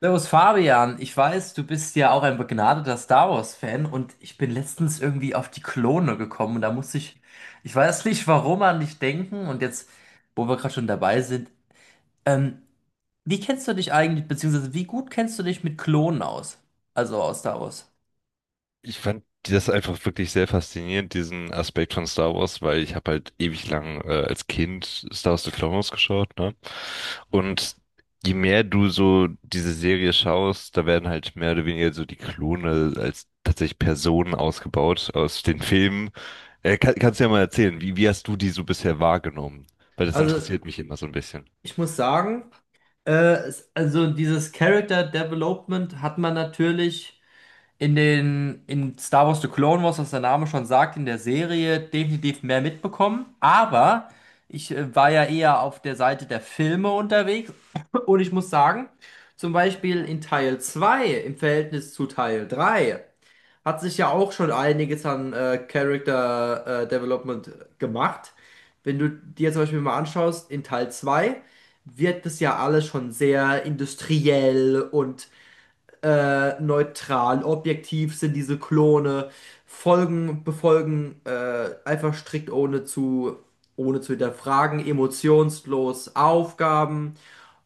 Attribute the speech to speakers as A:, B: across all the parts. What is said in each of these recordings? A: Servus Fabian, ich weiß, du bist ja auch ein begnadeter Star Wars-Fan und ich bin letztens irgendwie auf die Klone gekommen und da musste ich, ich weiß nicht warum, an dich denken und jetzt, wo wir gerade schon dabei sind, ähm, wie kennst du dich eigentlich, beziehungsweise wie gut kennst du dich mit Klonen aus? Also aus Star Wars.
B: Ich fand das einfach wirklich sehr faszinierend, diesen Aspekt von Star Wars, weil ich habe halt ewig lang als Kind Star Wars The Clone Wars geschaut, ne? Und je mehr du so diese Serie schaust, da werden halt mehr oder weniger so die Klone als tatsächlich Personen ausgebaut aus den Filmen. Kannst du ja mal erzählen, wie hast du die so bisher wahrgenommen? Weil das
A: Also,
B: interessiert mich immer so ein bisschen.
A: ich muss sagen, äh, also dieses Character Development hat man natürlich in den, in Star Wars The Clone Wars, was der Name schon sagt, in der Serie definitiv mehr mitbekommen. Aber ich war ja eher auf der Seite der Filme unterwegs. Und ich muss sagen, zum Beispiel in Teil 2 im Verhältnis zu Teil 3 hat sich ja auch schon einiges an Character Development gemacht. Wenn du dir zum Beispiel mal anschaust, in Teil 2, wird das ja alles schon sehr industriell und neutral, objektiv sind diese Klone, folgen, befolgen einfach strikt ohne zu hinterfragen, emotionslos Aufgaben.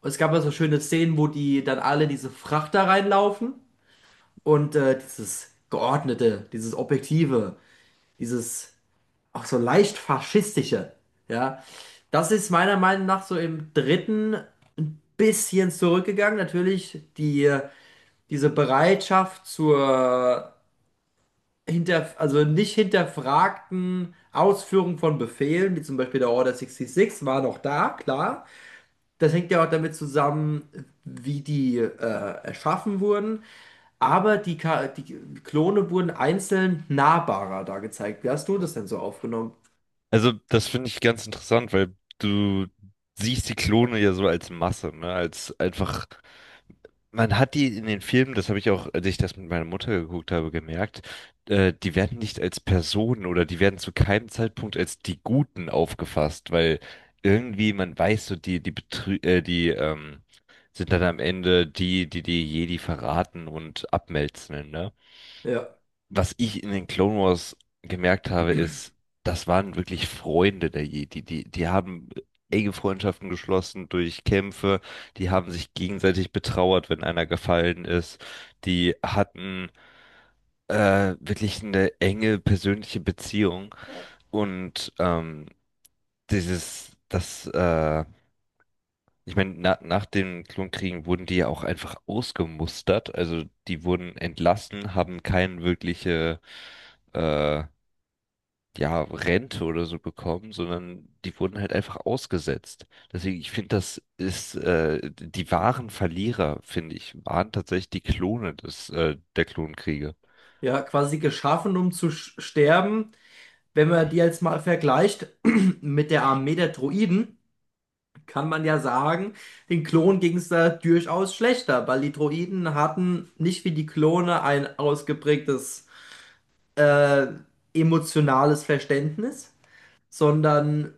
A: Und es gab da so schöne Szenen, wo die dann alle diese Frachter reinlaufen und dieses Geordnete, dieses Objektive, dieses auch so leicht faschistische, ja, das ist meiner Meinung nach so im dritten ein bisschen zurückgegangen. Natürlich, die diese Bereitschaft zur also nicht hinterfragten Ausführung von Befehlen, wie zum Beispiel der Order 66, war noch da, klar. Das hängt ja auch damit zusammen, wie die erschaffen wurden. Aber die Klone wurden einzeln nahbarer da gezeigt. Wie hast du das denn so aufgenommen?
B: Also, das finde ich ganz interessant, weil du siehst die Klone ja so als Masse, ne? Als einfach, man hat die in den Filmen, das habe ich auch, als ich das mit meiner Mutter geguckt habe, gemerkt, die werden nicht als Personen oder die werden zu keinem Zeitpunkt als die Guten aufgefasst, weil irgendwie man weiß so, die sind dann am Ende die die Jedi verraten und abmelzen, ne?
A: Ja,
B: Was ich in den Clone Wars gemerkt habe, ist, das waren wirklich Freunde der Jedi. Die haben enge Freundschaften geschlossen durch Kämpfe, die haben sich gegenseitig betrauert, wenn einer gefallen ist. Die hatten wirklich eine enge persönliche Beziehung. Und dieses, das, äh, ich meine, na, nach den Klonkriegen wurden die ja auch einfach ausgemustert. Also die wurden entlassen, haben keine wirkliche äh, ja, Rente oder so bekommen, sondern die wurden halt einfach ausgesetzt. Deswegen, ich finde, das ist, die wahren Verlierer, finde ich, waren tatsächlich die Klone der Klonkriege.
A: ja, quasi geschaffen, um zu sterben. Wenn man die jetzt mal vergleicht mit der Armee der Droiden, kann man ja sagen, den Klonen ging es da durchaus schlechter, weil die Droiden hatten nicht wie die Klone ein ausgeprägtes äh, emotionales Verständnis, sondern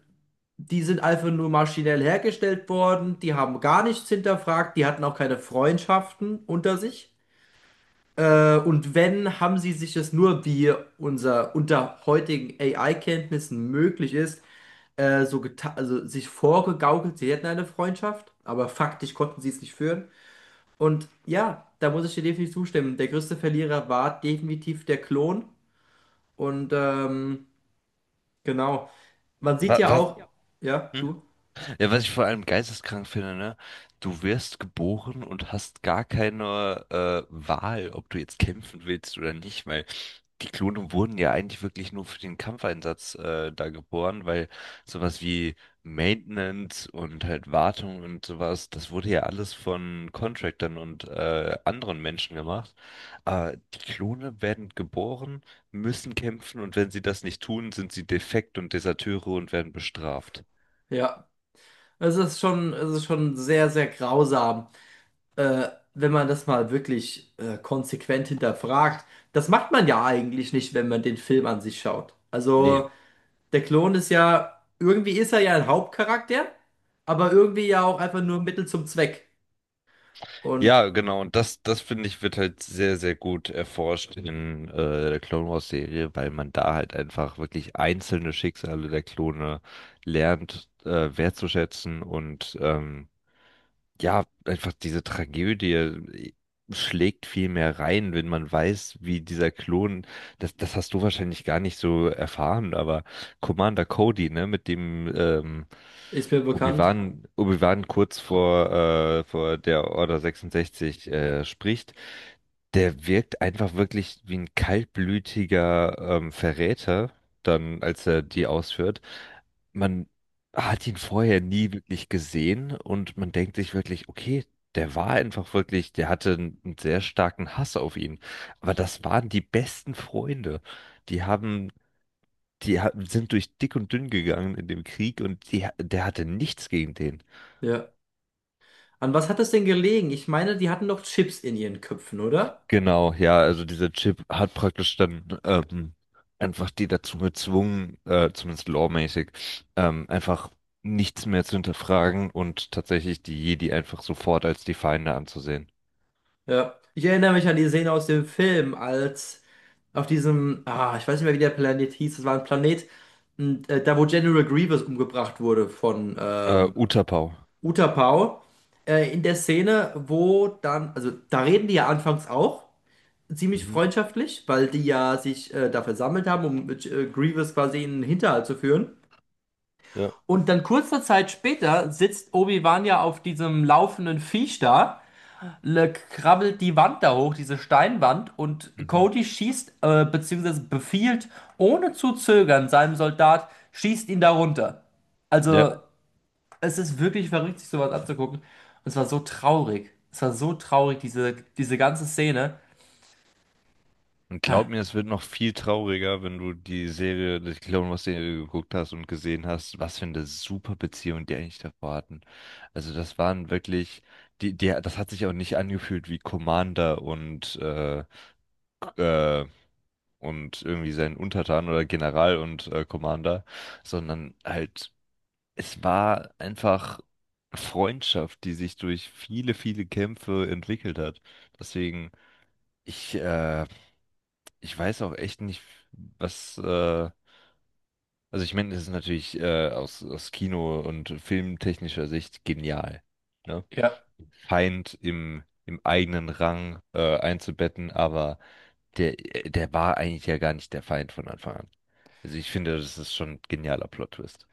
A: die sind einfach nur maschinell hergestellt worden, die haben gar nichts hinterfragt, die hatten auch keine Freundschaften unter sich. Und wenn, haben sie sich es nur, wie unser unter heutigen AI-Kenntnissen möglich ist, so geta also sich vorgegaukelt, sie hätten eine Freundschaft, aber faktisch konnten sie es nicht führen. Und ja, da muss ich dir definitiv zustimmen. Der größte Verlierer war definitiv der Klon. Und genau, man sieht
B: Was,
A: ja
B: was?
A: auch,
B: Ja.
A: ja,
B: Hm?
A: du,
B: Ja, was ich vor allem geisteskrank finde, ne? Du wirst geboren und hast gar keine Wahl, ob du jetzt kämpfen willst oder nicht, weil die Klone wurden ja eigentlich wirklich nur für den Kampfeinsatz da geboren, weil sowas wie Maintenance und halt Wartung und sowas, das wurde ja alles von Contractern und anderen Menschen gemacht. Aber die Klone werden geboren, müssen kämpfen, und wenn sie das nicht tun, sind sie defekt und Deserteure und werden bestraft.
A: ja, es ist schon sehr, sehr grausam, wenn man das mal wirklich konsequent hinterfragt. Das macht man ja eigentlich nicht, wenn man den Film an sich schaut.
B: Nee.
A: Also. Der Klon ist ja, irgendwie ist er ja ein Hauptcharakter, aber irgendwie ja auch einfach nur Mittel zum Zweck. Und
B: Ja, genau. Und das finde ich, wird halt sehr, sehr gut erforscht in der Clone Wars Serie, weil man da halt einfach wirklich einzelne Schicksale der Klone lernt wertzuschätzen. Und ja, einfach diese Tragödie schlägt viel mehr rein, wenn man weiß, wie dieser Klon, das hast du wahrscheinlich gar nicht so erfahren, aber Commander Cody, ne, mit dem
A: ist mir bekannt.
B: Obi-Wan kurz vor der Order 66 spricht, der wirkt einfach wirklich wie ein kaltblütiger Verräter, dann, als er die ausführt. Man Hat ihn vorher nie wirklich gesehen, und man denkt sich wirklich, okay, der war einfach wirklich, der hatte einen sehr starken Hass auf ihn. Aber das waren die besten Freunde. Die haben, die ha- Sind durch dick und dünn gegangen in dem Krieg, und die, der hatte nichts gegen den.
A: Ja. An was hat das denn gelegen? Ich meine, die hatten doch Chips in ihren Köpfen, oder?
B: Genau, ja, also dieser Chip hat praktisch dann einfach die dazu gezwungen, zumindest lawmäßig, einfach nichts mehr zu hinterfragen und tatsächlich die Jedi einfach sofort als die Feinde anzusehen.
A: Ja. Ich erinnere mich an die Szene aus dem Film, als auf diesem, ah, ich weiß nicht mehr, wie der Planet hieß, das war ein Planet, und, da wo General Grievous umgebracht wurde von
B: Utapau.
A: Utapau. In der Szene, wo dann, also da reden die ja anfangs auch ziemlich
B: Mhm.
A: freundschaftlich, weil die ja sich da versammelt haben, um mit, Grievous quasi in den Hinterhalt zu führen.
B: Ja.
A: Und dann kurze Zeit später sitzt Obi-Wan ja auf diesem laufenden Viech da, le krabbelt die Wand da hoch, diese Steinwand, und
B: Mhm.
A: Cody schießt, beziehungsweise befiehlt, ohne zu zögern, seinem Soldat, schießt ihn da runter. Also,
B: Ja,
A: es ist wirklich verrückt, sich sowas anzugucken. Und es war so traurig. Es war so traurig, diese, diese ganze Szene.
B: und glaub
A: Ha.
B: mir, es wird noch viel trauriger, wenn du die Serie, die Clone Wars Serie geguckt hast und gesehen hast, was für eine super Beziehung die eigentlich davor hatten. Also das waren wirklich, das hat sich auch nicht angefühlt wie Commander äh, und irgendwie sein Untertan oder General und Commander, sondern halt, es war einfach Freundschaft, die sich durch viele, viele Kämpfe entwickelt hat. Deswegen. Ich, äh, ich weiß auch echt nicht, was, also ich meine, das ist natürlich aus Kino- und filmtechnischer Sicht genial, ne?
A: Ja.
B: Feind im eigenen Rang einzubetten, aber der, der war eigentlich ja gar nicht der Feind von Anfang an. Also ich finde, das ist schon ein genialer Plot-Twist.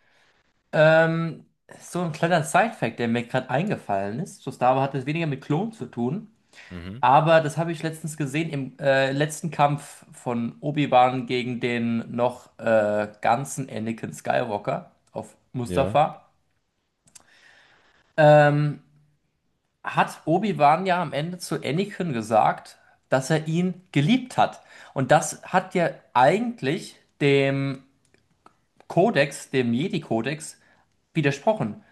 A: Ähm, so ein kleiner Side-Fact, der mir gerade eingefallen ist. So Star Wars hat es weniger mit Klonen zu tun,
B: Mhm.
A: aber das habe ich letztens gesehen im letzten Kampf von Obi-Wan gegen den noch ganzen Anakin Skywalker auf
B: Ja,
A: Mustafar. Ähm, hat Obi-Wan ja am Ende zu Anakin gesagt, dass er ihn geliebt hat. Und das hat ja eigentlich dem Kodex, dem Jedi-Kodex, widersprochen.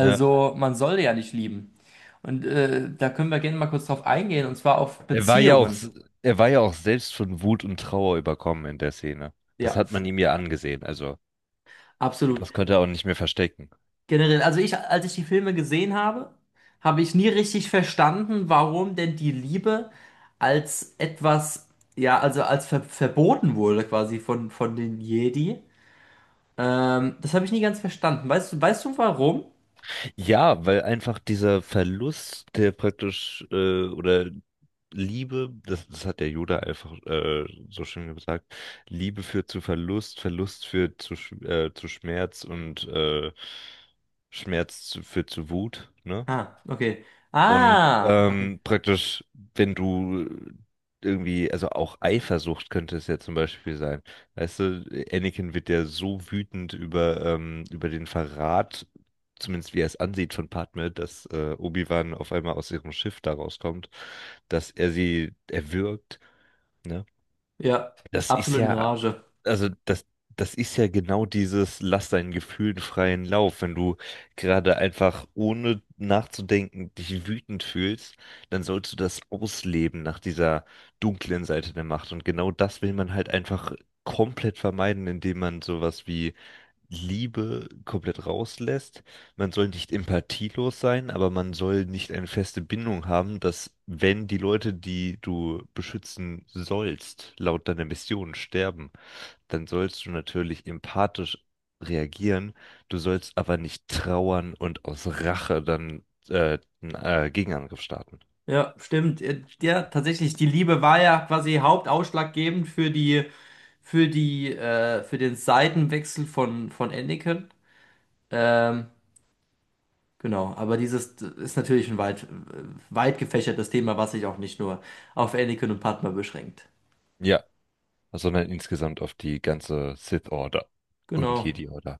B: ja. Also,
A: man soll ja nicht lieben. Und da können wir gerne mal kurz drauf eingehen, und zwar auf
B: Er war ja auch,
A: Beziehungen.
B: s- er war ja auch selbst von Wut und Trauer überkommen in der Szene. Das
A: Ja,
B: hat man ihm ja angesehen, also
A: absolut.
B: das konnte er auch nicht mehr verstecken.
A: Generell, also ich, als ich die Filme gesehen habe, habe ich nie richtig verstanden, warum denn die Liebe als etwas, ja, also als verboten wurde quasi von den Jedi. Das habe ich nie ganz verstanden. Weißt du warum?
B: Ja, weil einfach dieser Verlust, der praktisch, oder Liebe, das hat der Yoda einfach so schön gesagt, Liebe führt zu Verlust, Verlust führt zu Schmerz, und Schmerz führt zu Wut, ne?
A: Ah, okay.
B: Und
A: Ah, okay.
B: praktisch, wenn du irgendwie, also auch Eifersucht könnte es ja zum Beispiel sein. Weißt du, Anakin wird ja so wütend über, über den Verrat, zumindest wie er es ansieht von Padme, dass Obi-Wan auf einmal aus ihrem Schiff da rauskommt, dass er sie erwürgt. Ne?
A: Ja,
B: Das ist
A: absolut in
B: ja,
A: Rage.
B: also das, das ist ja genau dieses, lass deinen Gefühlen freien Lauf. Wenn du gerade einfach ohne nachzudenken dich wütend fühlst, dann sollst du das ausleben nach dieser dunklen Seite der Macht. Und genau das will man halt einfach komplett vermeiden, indem man sowas wie Liebe komplett rauslässt. Man soll nicht empathielos sein, aber man soll nicht eine feste Bindung haben, dass wenn die Leute, die du beschützen sollst, laut deiner Mission sterben, dann sollst du natürlich empathisch reagieren. Du sollst aber nicht trauern und aus Rache dann einen Gegenangriff starten.
A: Ja, stimmt. Ja, tatsächlich, die Liebe war ja quasi hauptausschlaggebend für die, für die, für den Seitenwechsel von Anakin. Ähm, genau, aber dieses ist natürlich ein weit, weit gefächertes Thema, was sich auch nicht nur auf Anakin und Padma beschränkt.
B: Ja, sondern insgesamt auf die ganze Sith Order und
A: Genau.
B: Jedi Order.